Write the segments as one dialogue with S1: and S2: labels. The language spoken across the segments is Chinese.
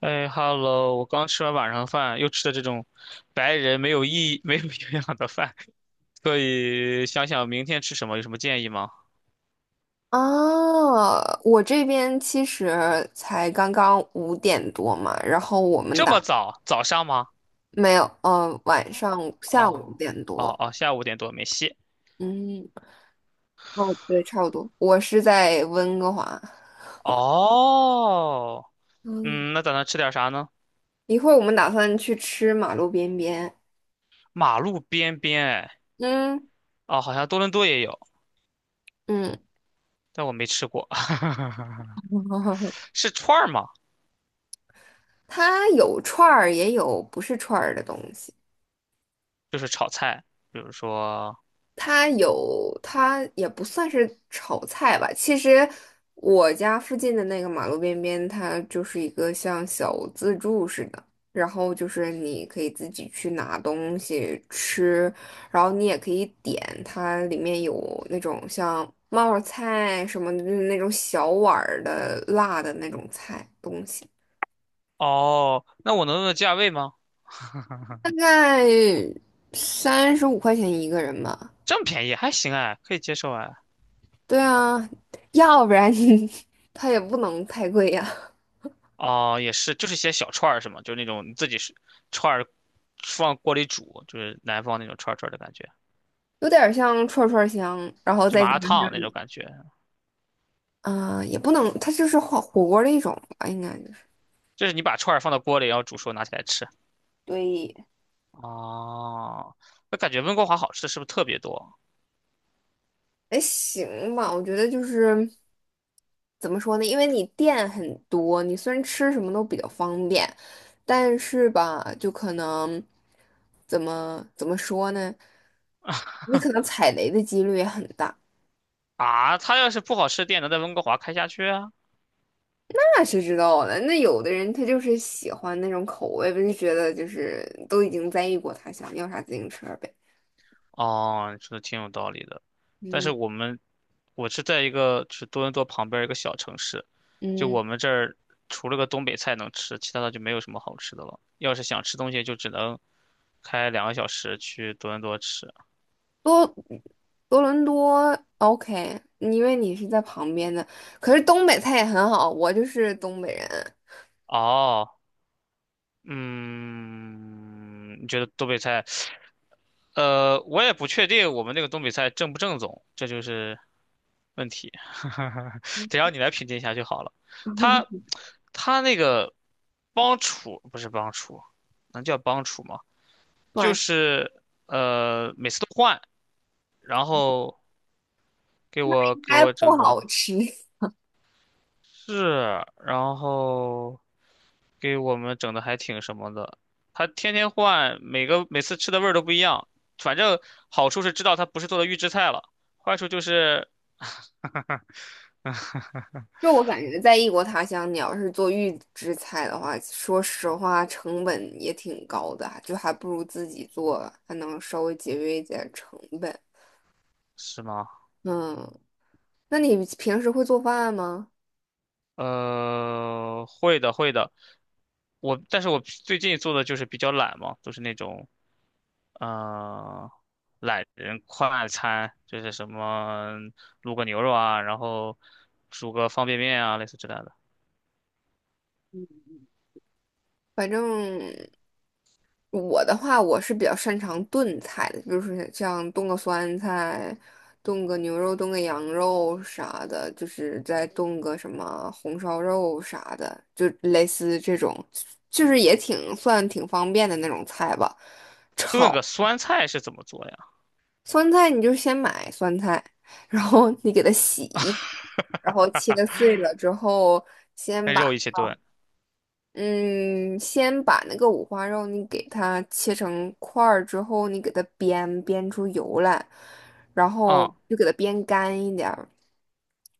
S1: 哎哈喽！我刚吃完晚上饭，又吃的这种白人没有意义、没有营养的饭，所以想想明天吃什么，有什么建议吗？
S2: 哦，我这边其实才刚刚五点多嘛，然后我们
S1: 这么
S2: 打，
S1: 早？早上吗？
S2: 没有，晚上下午
S1: 哦。
S2: 五点
S1: 哦
S2: 多。
S1: 哦，下午五点多没戏。
S2: 嗯，哦，对，差不多。我是在温哥华。
S1: 哦。
S2: 嗯，
S1: 嗯，那打算吃点啥呢？
S2: 一会儿我们打算去吃马路边边。
S1: 马路边边，哎。
S2: 嗯
S1: 哦，好像多伦多也有，
S2: 嗯。
S1: 但我没吃过。是串儿吗？
S2: 它有串儿，也有不是串儿的东西。
S1: 就是炒菜，比如说，
S2: 它也不算是炒菜吧。其实我家附近的那个马路边边，它就是一个像小自助似的，然后就是你可以自己去拿东西吃，然后你也可以点，它里面有那种像冒泡菜什么的，就是那种小碗儿的辣的那种菜东西，
S1: 哦，那我能问问价位吗？
S2: 大概35块钱一个人吧。
S1: 这么便宜，还行哎，可以接受哎。
S2: 对啊，要不然你 它也不能太贵呀、
S1: 哦，也是，就是些小串儿是吗？就是那种你自己是串儿放锅里煮，就是南方那种串儿串儿的感觉，
S2: 有点儿像串串香，然后
S1: 就
S2: 再
S1: 麻
S2: 加
S1: 辣烫那种感觉，
S2: 上，啊、也不能，它就是火锅的一种吧，应该就是，
S1: 就是你把串儿放到锅里，然后煮熟拿起来吃。
S2: 对，
S1: 哦，那感觉温哥华好吃的是不是特别多
S2: 哎，行吧，我觉得就是怎么说呢，因为你店很多，你虽然吃什么都比较方便，但是吧，就可能怎么说呢，你可能踩雷的几率也很大。
S1: 啊？它要是不好吃的店能在温哥华开下去啊？
S2: 那谁知道呢？那有的人他就是喜欢那种口味不就觉得就是都已经在异国他乡，要啥自行车呗。
S1: 哦，你说的挺有道理的，但是
S2: 嗯
S1: 我们我是在一个就是多伦多旁边儿一个小城市，就
S2: 嗯，
S1: 我们这儿除了个东北菜能吃，其他的就没有什么好吃的了。要是想吃东西，就只能。开两个小时去多伦多吃。
S2: 多多伦多 OK，因为你是在旁边的，可是东北菜也很好，我就是东北人，
S1: 哦。嗯，你觉得东北菜？我也不确定我们那个东北菜正不正宗，这就是问题。得让你来评定一下就好了。他他那个帮厨不是帮厨，能叫帮厨吗？就
S2: 短
S1: 是每次都换，然后给我
S2: 应
S1: 给
S2: 该
S1: 我整
S2: 不
S1: 的
S2: 好吃。
S1: 是，然后。给我们整的还挺什么的，他天天换，每个每次吃的味儿都不一样。反正好处是知道他不是做的预制菜了，坏处就是，
S2: 就我感觉，在异国他乡，你要是做预制菜的话，说实话成本也挺高的，就还不如自己做，还能稍微节约一点成本。
S1: 是吗？
S2: 嗯。那你平时会做饭吗？
S1: 会的会的，我但是我最近做的就是比较懒嘛，都是那种嗯懒人快餐，就是什么卤个牛肉啊，然后煮个方便面啊，类似之类的。
S2: 反正我的话，我是比较擅长炖菜的，比如说像炖个酸菜、炖个牛肉、炖个羊肉啥的，就是再炖个什么红烧肉啥的，就类似这种，就是也挺算挺方便的那种菜吧。
S1: 炖
S2: 炒
S1: 个酸菜是怎么做呀？
S2: 酸菜，你就先买酸菜，然后你给它洗，然后切 碎了之后。先
S1: 跟
S2: 把。
S1: 肉一起炖。
S2: 嗯，先把那个五花肉你给它切成块儿之后，你给它煸煸出油来，然后
S1: 啊、
S2: 就给它煸干一点儿，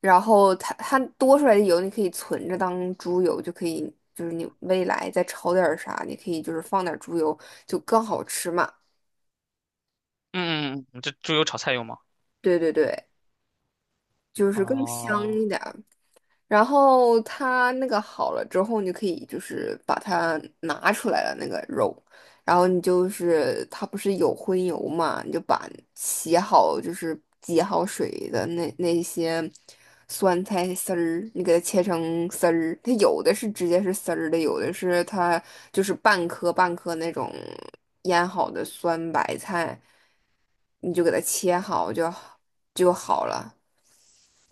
S2: 然后它多出来的油你可以存着当猪油，就可以就是你未来再炒点儿啥，你可以就是放点儿猪油就更好吃嘛。
S1: 嗯嗯嗯，嗯这猪油炒菜用吗？
S2: 对对对，就是更香
S1: 哦，
S2: 一点儿。然后它那个好了之后，你就可以就是把它拿出来了那个肉，然后你就是它不是有荤油嘛，你就把洗好就是挤好水的那些酸菜丝儿，你给它切成丝儿，它有的是直接是丝儿的，有的是它就是半颗半颗那种腌好的酸白菜，你就给它切好就就好了，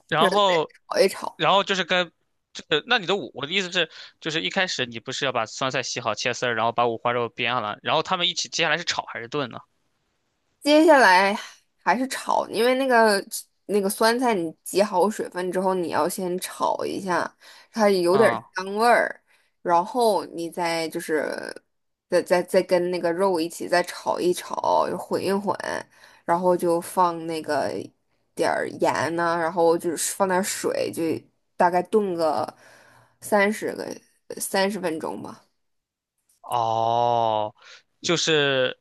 S1: 然
S2: 然后
S1: 后，
S2: 炒一炒。
S1: 然后就是跟，就是那你的五，我的意思是，就是一开始你不是要把酸菜洗好切丝儿，然后把五花肉煸了，然后他们一起，接下来是炒还是炖呢？
S2: 接下来还是炒，因为那个那个酸菜，你挤好水分之后，你要先炒一下，它有点儿
S1: 啊、
S2: 香味儿，然后你再就是再跟那个肉一起再炒一炒，混一混，然后就放那个点儿盐呐、然后就是放点儿水，就大概炖个三十个三十分钟吧。
S1: 哦，就是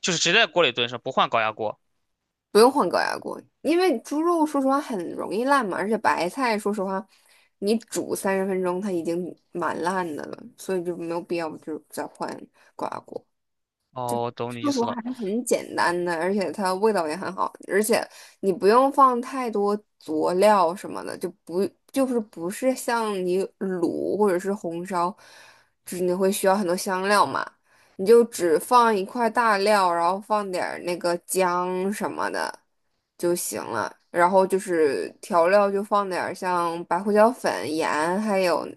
S1: 就是直接在锅里炖是吧不换高压锅。
S2: 不用换高压锅，因为猪肉说实话很容易烂嘛，而且白菜说实话，你煮三十分钟它已经蛮烂的了，所以就没有必要就再换高压锅。
S1: 哦，我懂你
S2: 说
S1: 意
S2: 实话
S1: 思了。
S2: 还是很简单的，而且它味道也很好，而且你不用放太多佐料什么的，就不是像你卤或者是红烧，就是你会需要很多香料嘛，你就只放一块大料，然后放点儿那个姜什么的就行了，然后就是调料就放点儿像白胡椒粉、盐，还有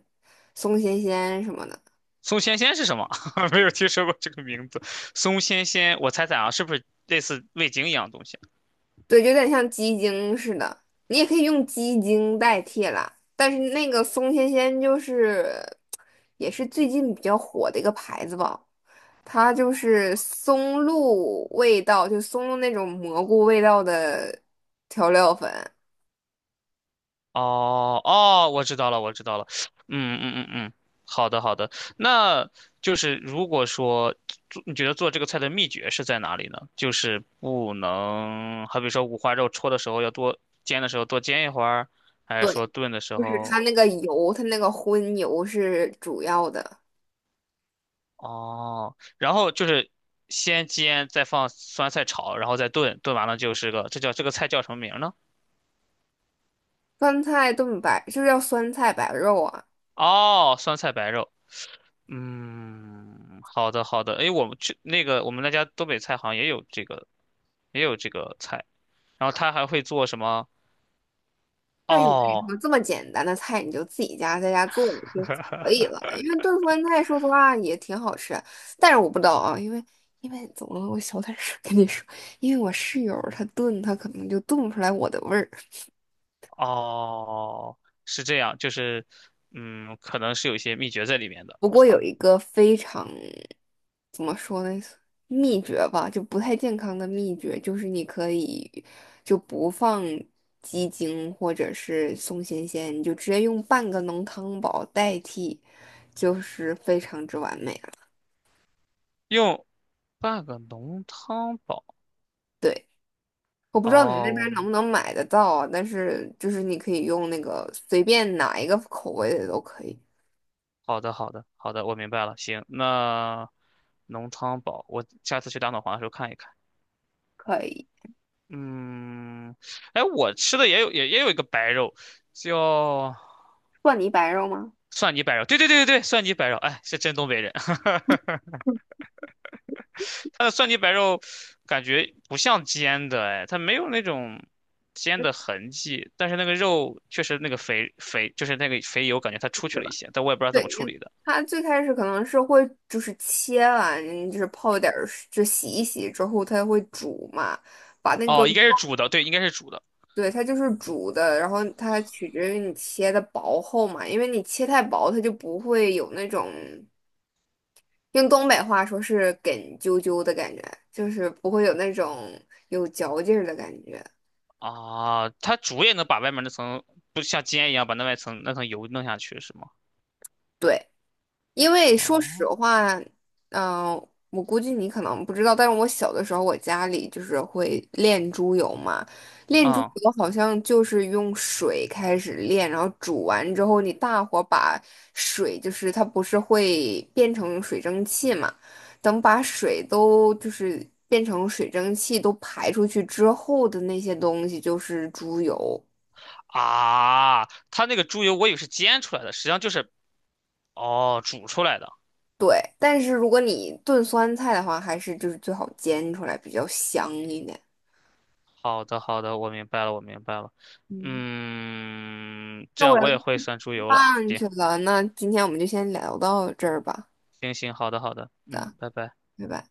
S2: 松鲜鲜什么的。
S1: 松鲜鲜是什么？没有听说过这个名字。松鲜鲜，我猜猜啊，是不是类似味精一样的东西啊。
S2: 对，有点像鸡精似的，你也可以用鸡精代替啦。但是那个松鲜鲜就是也是最近比较火的一个牌子吧，它就是松露味道，就松露那种蘑菇味道的调料粉，
S1: 哦哦，我知道了，我知道了。嗯嗯嗯嗯，好的好的。那就是如果说做，你觉得做这个菜的秘诀是在哪里呢？就是不能，好比说五花肉焯的时候要多煎的时候多煎一会儿，还是说炖的时
S2: 就是它
S1: 候
S2: 那个油，它那个荤油是主要的。
S1: 哦，然后就是先煎，再放酸菜炒，然后再炖，炖完了就是个，这叫这个菜叫什么名儿呢？
S2: 酸菜炖白就是要酸菜白肉啊。
S1: 哦，酸菜白肉。嗯，好的好的。诶，我们去那个我们那家东北菜好像也有这个也有这个菜，然后他还会做什么？
S2: 但是我跟你
S1: 哦
S2: 说，这么简单的菜你就自己家在家做了就可以了，因为炖酸菜说实话也挺好吃，但是我不知道啊，因为怎么了？我小点声跟你说，因为我室友她炖，她可能就炖不出来我的味儿。
S1: 哦，是这样，就是嗯，可能是有一些秘诀在里面的。
S2: 不过有一个非常怎么说呢，秘诀吧，就不太健康的秘诀，就是你可以就不放鸡精或者是松鲜鲜，你就直接用半个浓汤宝代替，就是非常之完美。
S1: 用半个浓汤宝。
S2: 对，我不知道你们
S1: 哦，
S2: 那边能
S1: 我
S2: 不能买得到啊，但是就是你可以用那个随便哪一个口味的都可以。
S1: 好的好的好的，我明白了。行，那浓汤宝，我下次去打脑黄的时候看一看。
S2: 可以。
S1: 嗯，哎，我吃的也有也也有一个白肉，叫。
S2: 蒜泥白肉吗？
S1: 蒜泥白肉，对对对对对，蒜泥白肉，哎，是真东北人。它的蒜泥白肉感觉不像煎的，哎，它没有那种煎的痕迹，但是那个肉确实那个肥肥，就是那个肥油，感觉它出去
S2: 对
S1: 了
S2: 吧？
S1: 一些，但我也不知道怎
S2: 对，
S1: 么处理的。
S2: 它最开始可能是会就是切完，就是泡一点儿水，就洗一洗之后，它会煮嘛，把那个，
S1: 哦，应该是煮的，对，应该是煮的
S2: 对，它就是煮的，然后它取决于你切的薄厚嘛，因为你切太薄，它就不会有那种。用东北话说是“梗啾啾”的感觉，就是不会有那种有嚼劲儿的感觉。
S1: 啊。它煮也能把外面那层，不像煎一样把那外层那层油弄下去是吗？
S2: 对，因为说实
S1: 哦，
S2: 话，嗯、我估计你可能不知道，但是我小的时候，我家里就是会炼猪油嘛。炼猪
S1: 嗯
S2: 油好像就是用水开始炼，然后煮完之后，你大火把水，就是它不是会变成水蒸气嘛？等把水都就是变成水蒸气都排出去之后的那些东西，就是猪油。
S1: 啊，它那个猪油我以为是煎出来的，实际上就是哦煮出来的。
S2: 对，但是如果你炖酸菜的话，还是就是最好煎出来比较香一点。
S1: 好的，好的，我明白了，我明白了。
S2: 嗯，
S1: 嗯，这
S2: 那我
S1: 样
S2: 要
S1: 我也
S2: 吃
S1: 会算出油了。
S2: 饭
S1: 行，
S2: 去了，那今天我们就先聊到这儿吧，
S1: 行行，好的，好的，嗯，
S2: 的，
S1: 拜拜。
S2: 拜拜。